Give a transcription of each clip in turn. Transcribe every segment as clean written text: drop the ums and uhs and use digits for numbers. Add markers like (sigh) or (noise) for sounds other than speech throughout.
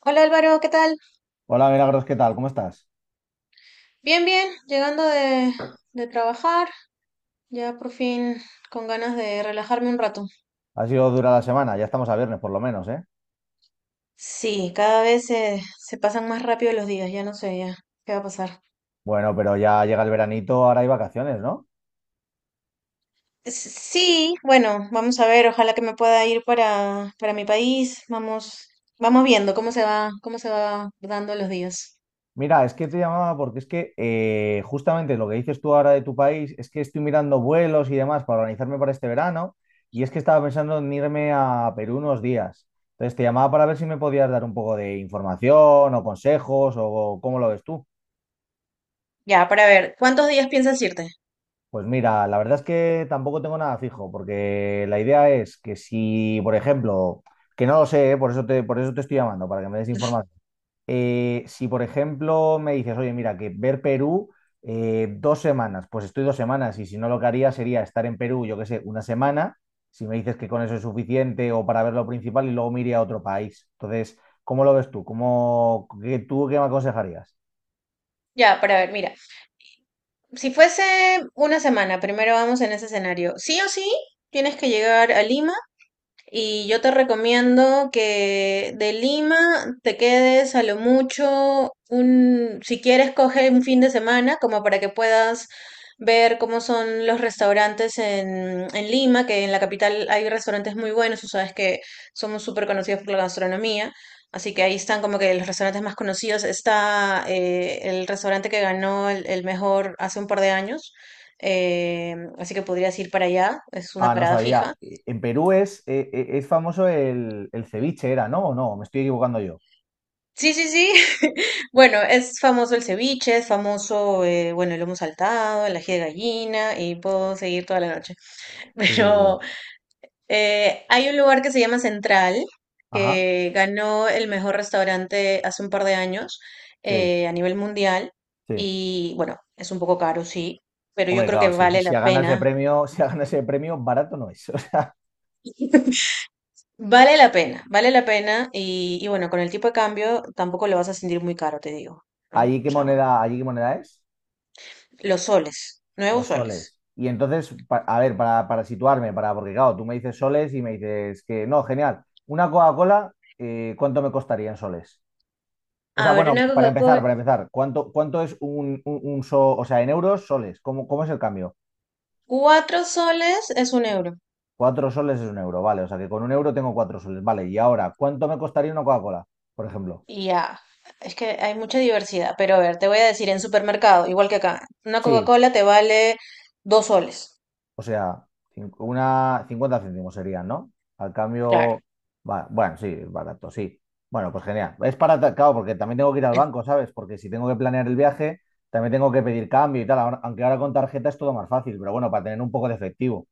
Hola Álvaro, ¿qué tal? Hola Milagros, ¿qué tal? ¿Cómo estás? Bien, bien, llegando de trabajar, ya por fin con ganas de relajarme un rato. Ha sido dura la semana, ya estamos a viernes por lo menos, ¿eh? Sí, cada vez se pasan más rápido los días, ya no sé ya qué va a pasar. Bueno, pero ya llega el veranito, ahora hay vacaciones, ¿no? Sí, bueno, vamos a ver, ojalá que me pueda ir para mi país, vamos, vamos viendo cómo se va dando los días. Mira, es que te llamaba porque es que justamente lo que dices tú ahora de tu país es que estoy mirando vuelos y demás para organizarme para este verano y es que estaba pensando en irme a Perú unos días. Entonces te llamaba para ver si me podías dar un poco de información o consejos o cómo lo ves tú. Ya, para ver, ¿cuántos días piensas irte? Pues mira, la verdad es que tampoco tengo nada fijo, porque la idea es que si, por ejemplo, que no lo sé, ¿eh? Por eso te estoy llamando, para que me des información. Si, por ejemplo, me dices, oye, mira, que ver Perú 2 semanas, pues estoy 2 semanas, y si no lo que haría sería estar en Perú, yo qué sé, una semana, si me dices que con eso es suficiente o para ver lo principal y luego me iría a otro país. Entonces, ¿cómo lo ves tú? ¿ tú qué me aconsejarías? Ya, para ver, mira, si fuese una semana, primero vamos en ese escenario. Sí o sí, tienes que llegar a Lima. Y yo te recomiendo que de Lima te quedes a lo mucho un, si quieres, coge un fin de semana como para que puedas ver cómo son los restaurantes en Lima, que en la capital hay restaurantes muy buenos, tú sabes que somos súper conocidos por la gastronomía, así que ahí están como que los restaurantes más conocidos. Está el restaurante que ganó el mejor hace un par de años, así que podrías ir para allá, es una Ah, no parada sabía. fija. En Perú es famoso el ceviche, ¿era, no? ¿O no? Me estoy equivocando yo. Sí, sí, sí. (laughs) Bueno, es famoso el ceviche, es famoso, bueno, el lomo saltado, el ají de gallina y puedo seguir toda la noche. (laughs) Sí, sí, sí. Pero hay un lugar que se llama Central, Ajá, que ganó el mejor restaurante hace un par de años sí, a nivel mundial. sí. Y bueno, es un poco caro, sí, pero yo Hombre, creo que claro, si, vale si la ha ganado ese pena. premio, (laughs) si ha ganado ese premio, barato no es. (laughs) O sea, (laughs) Vale la pena, vale la pena. Y bueno, con el tipo de cambio tampoco lo vas a sentir muy caro, te digo, ¿no? O ¿allí qué sea, moneda, allí qué moneda es? los soles, nuevos Los soles. soles. Y entonces, a ver, para situarme, porque claro, tú me dices soles y me dices que no, genial. Una Coca-Cola, ¿cuánto me costaría en soles? O sea, A ver, bueno, una para empezar, Coca-Cola. para empezar, ¿cuánto es o sea, en euros, soles? ¿Cómo es el cambio? 4 soles es 1 euro. 4 soles es 1 euro, vale. O sea que con 1 euro tengo 4 soles, vale. Y ahora, ¿cuánto me costaría una Coca-Cola, por ejemplo? Y ya, es que hay mucha diversidad. Pero a ver, te voy a decir, en supermercado, igual que acá, una Sí, Coca-Cola te vale 2 soles. o sea, una 50 céntimos serían, ¿no? Al Claro. cambio, bueno, sí, barato, sí. Bueno, pues genial. Es para, claro, porque también tengo que ir al banco, ¿sabes? Porque si tengo que planear el viaje, también tengo que pedir cambio y tal. Aunque ahora con tarjeta es todo más fácil, pero bueno, para tener un poco de efectivo.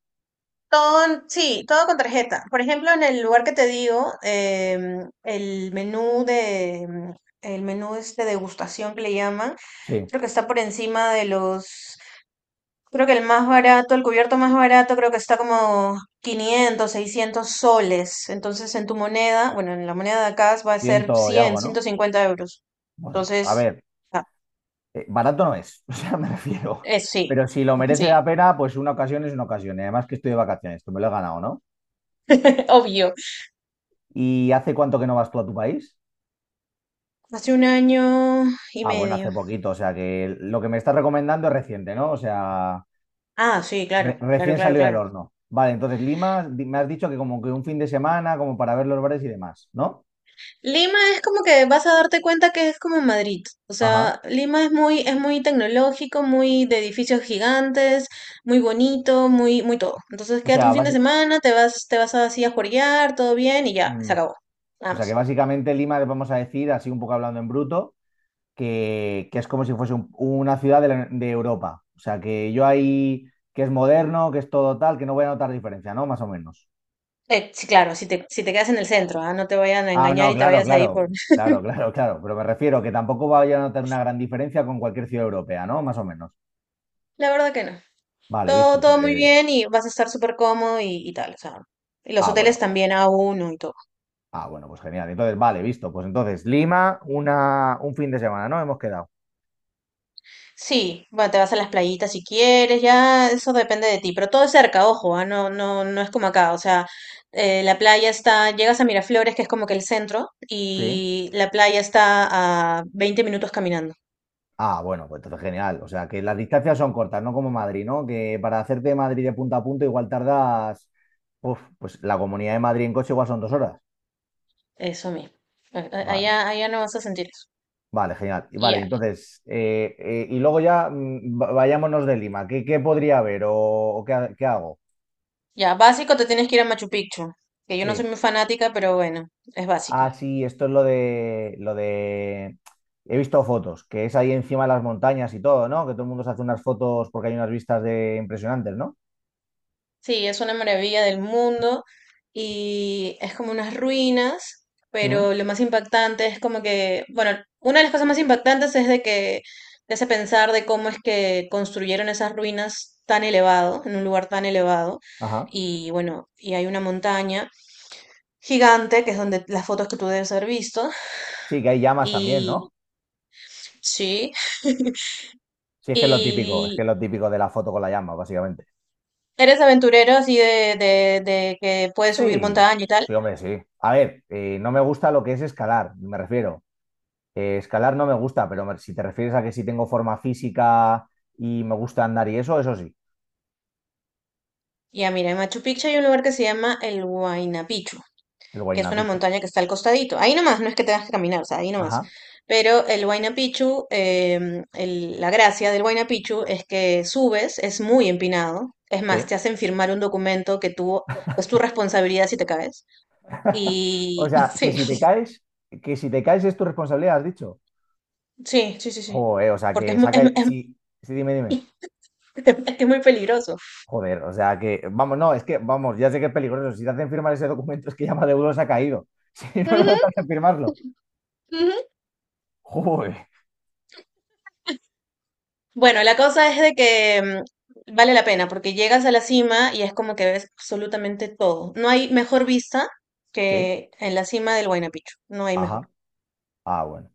Todo, sí, todo con tarjeta. Por ejemplo, en el lugar que te digo, el menú este degustación que le llaman, Sí, creo que está por encima de los creo que el más barato, el cubierto más barato, creo que está como 500 600 soles. Entonces, en tu moneda, bueno, en la moneda de acá va a ser ciento y cien algo, ciento ¿no? cincuenta euros. Bueno, a Entonces, ver, ah, barato no es, (laughs) o sea, me refiero. Sí, Pero si lo (laughs) merece sí, la pena, pues una ocasión es una ocasión. Y además que estoy de vacaciones, que me lo he ganado, ¿no? (laughs) obvio. ¿Y hace cuánto que no vas tú a tu país? Hace un año y Ah, bueno, medio. hace poquito, o sea que lo que me estás recomendando es reciente, ¿no? O sea, Ah, sí, claro, claro, recién claro, salió del claro. horno. Vale, entonces Lima, me has dicho que como que un fin de semana, como para ver los bares y demás, ¿no? Lima es como que vas a darte cuenta que es como Madrid. O Ajá. sea, Lima es muy, tecnológico, muy de edificios gigantes, muy bonito, muy, muy todo. Entonces O quédate un sea, fin de semana, te vas así a juerguear, todo bien y ya, se mm. acabó. O Nada sea que más. básicamente Lima, vamos a decir, así un poco hablando en bruto, que es como si fuese una ciudad de, de Europa. O sea, que yo ahí, que es moderno, que es todo tal, que no voy a notar diferencia, ¿no? Más o menos. Sí, claro, si te quedas en el centro, ah, no te vayan a Ah, engañar no, y te claro, vayas ahí por... claro, (laughs) claro, (laughs) claro, claro. Pero me refiero que tampoco vaya a notar una gran diferencia con cualquier ciudad europea, ¿no? Más o menos. La verdad que no. Vale, Todo, visto. todo muy Pues. bien y vas a estar súper cómodo y tal. O sea, y los Ah, hoteles bueno. también a uno y todo. Ah, bueno, pues genial. Entonces, vale, visto. Pues entonces, Lima, un fin de semana, ¿no? Hemos quedado. Sí, bueno, te vas a las playitas si quieres, ya eso depende de ti, pero todo es cerca, ojo, ah, no, no, no es como acá, o sea, la playa está, llegas a Miraflores, que es como que el centro, Sí. y la playa está a 20 minutos caminando, Ah, bueno, pues entonces genial. O sea, que las distancias son cortas, no como Madrid, ¿no? Que para hacerte de Madrid de punta a punta igual tardas, uf, pues la Comunidad de Madrid en coche igual son 2 horas. eso mismo. Vale, Allá, allá no vas a sentir eso. vale, genial. Y Y vale, ya, entonces, y luego ya vayámonos de Lima. ¿Qué podría haber o qué hago? ya, básico te tienes que ir a Machu Picchu, que yo no soy Sí. muy fanática, pero bueno, es Ah, básico. sí, esto es He visto fotos, que es ahí encima de las montañas y todo, ¿no? Que todo el mundo se hace unas fotos porque hay unas vistas de impresionantes, ¿no? Sí, es una maravilla del mundo y es como unas ruinas, Mm. pero lo más impactante es como que, bueno, una de las cosas más impactantes es de que te hace pensar de cómo es que construyeron esas ruinas tan elevado, en un lugar tan elevado, Ajá. y bueno, y hay una montaña gigante, que es donde las fotos que tú debes haber visto, Sí, que hay llamas también, y ¿no? sí, Sí, es que y es lo típico de la foto con la llama, básicamente. eres aventurero así de que puedes subir Sí, montaña y tal. sí, hombre, sí. A ver, no me gusta lo que es escalar, me refiero. Escalar no me gusta, pero si te refieres a que si tengo forma física y me gusta andar y eso sí, Ya, mira, en Machu Picchu hay un lugar que se llama el Huayna Picchu, el que es Huayna una Picchu. montaña que está al costadito. Ahí nomás, no es que tengas que caminar, o sea, ahí nomás. Ajá, Pero el Huayna Picchu, la gracia del Huayna Picchu es que subes, es muy empinado. Es más, sí. te hacen firmar un documento que tú, es tu responsabilidad si te caes. (laughs) O Y sea, (laughs) que sí, si te caes, que si te caes es tu responsabilidad, has dicho. sí, sí, sí, sí. Joder, o sea, Porque es, que mu- saca. es- Sí, sí, dime, dime. (laughs) es que es muy peligroso. Joder, o sea que, vamos, no, es que, vamos, ya sé que es peligroso. Si te hacen firmar ese documento es que ya Maduro se ha caído. (laughs) Si no, no te Ujú, hacen firmarlo. ujú. Joder. Bueno, la cosa es de que vale la pena porque llegas a la cima y es como que ves absolutamente todo. No hay mejor vista Sí, que en la cima del Huayna Picchu, no hay mejor. ajá. Ah, bueno.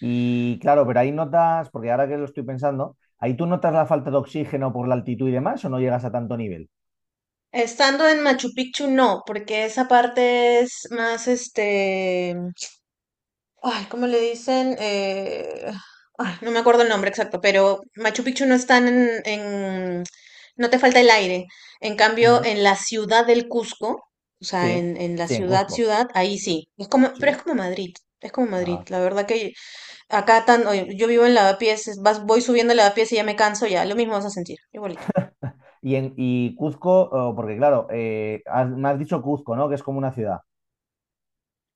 Y claro, pero ahí notas, porque ahora que lo estoy pensando, ahí tú notas la falta de oxígeno por la altitud y demás, o no llegas a tanto nivel. Estando en Machu Picchu no, porque esa parte es más este. Ay, ¿cómo le dicen? Ay, no me acuerdo el nombre exacto, pero Machu Picchu no está en, en-. No te falta el aire. En cambio, Ujú. en la ciudad del Cusco, o sea, Sí, en la sí, en ciudad, Cuzco. ciudad, ahí sí. Es como, pero es Sí. como Madrid, es como Madrid. Ah. La verdad que acá tan... oye, yo vivo en Lavapiés, voy subiendo Lavapiés y ya me canso, ya, lo mismo vas a sentir, igualito. Y Cuzco, oh, porque claro, me has dicho Cuzco, ¿no? Que es como una ciudad.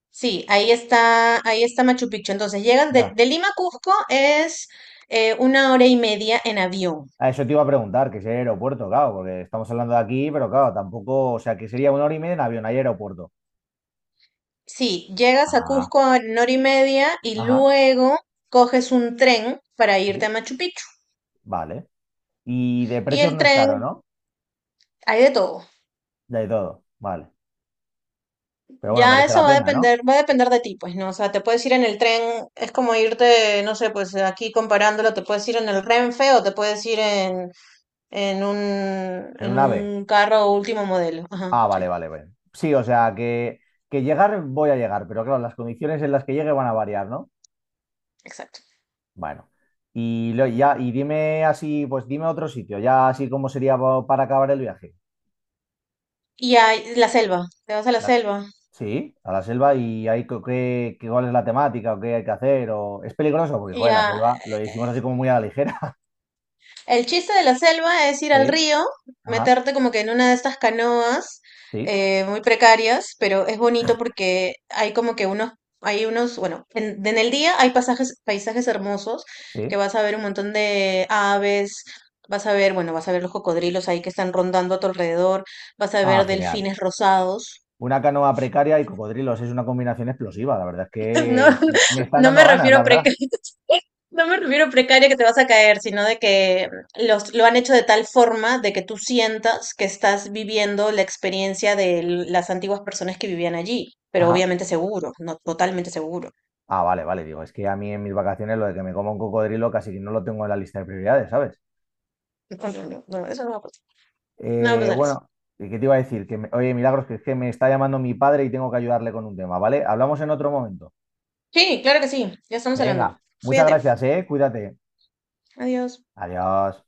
Sí, ahí está Machu Picchu. Entonces, llegas de, Ya. de Lima a Cusco es una hora y media en avión. A eso te iba a preguntar, que si hay aeropuerto, claro, porque estamos hablando de aquí, pero claro, tampoco, o sea, que sería 1 hora y media en avión, hay aeropuerto. Sí, llegas a Ah, Cusco en hora y media y ajá, luego coges un tren para irte sí, a Machu Picchu. vale. Y de Y precios el no es caro, tren, ¿no? hay de todo. De todo, vale. Pero bueno, Ya merece eso la va a pena, ¿no? depender, va a depender de ti, pues, ¿no? O sea, te puedes ir en el tren, es como irte, no sé, pues aquí comparándolo, te puedes ir en el Renfe o te puedes ir en un, En en un ave. un carro último modelo. Ajá, Ah, sí, vale, vale, vale. Sí, o sea, que llegar voy a llegar, pero claro, las condiciones en las que llegue van a variar, ¿no? exacto. Bueno. Y ya, y dime así, pues dime otro sitio, ya así como sería para acabar el viaje. Y hay la selva, te vas a la La- selva. Sí, a la selva y hay cuál es la temática o qué hay que hacer o es peligroso porque Y joder, la ya, selva lo hicimos así como muy a la ligera. (laughs) el chiste de la selva es ir al Sí, río, ajá, meterte como que en una de estas canoas sí, muy precarias, pero es bonito porque hay como que bueno, en el día hay pasajes, paisajes hermosos que sí. vas a ver un montón de aves, vas a ver, bueno, vas a ver los cocodrilos ahí que están rondando a tu alrededor, vas a Ah, ver genial. delfines rosados. Una canoa precaria y cocodrilos es una combinación explosiva, la verdad es (laughs) No, que me están no me dando ganas, refiero la a verdad. precario, (laughs) no me refiero a precaria que te vas a caer, sino de que lo han hecho de tal forma de que tú sientas que estás viviendo la experiencia de las antiguas personas que vivían allí, pero Ajá. obviamente seguro, no totalmente seguro. Ah, vale, vale, digo, es que a mí en mis vacaciones lo de que me coma un cocodrilo casi que no lo tengo en la lista de prioridades, ¿sabes? No, no, no, no, eso no va a pasar. No va a pasar eso. Bueno, ¿qué te iba a decir? Que Oye, Milagros, que es que me está llamando mi padre y tengo que ayudarle con un tema, ¿vale? Hablamos en otro momento. Sí, claro que sí, ya estamos hablando. Venga, muchas Fíjate. gracias, ¿eh? Cuídate. Adiós. Adiós.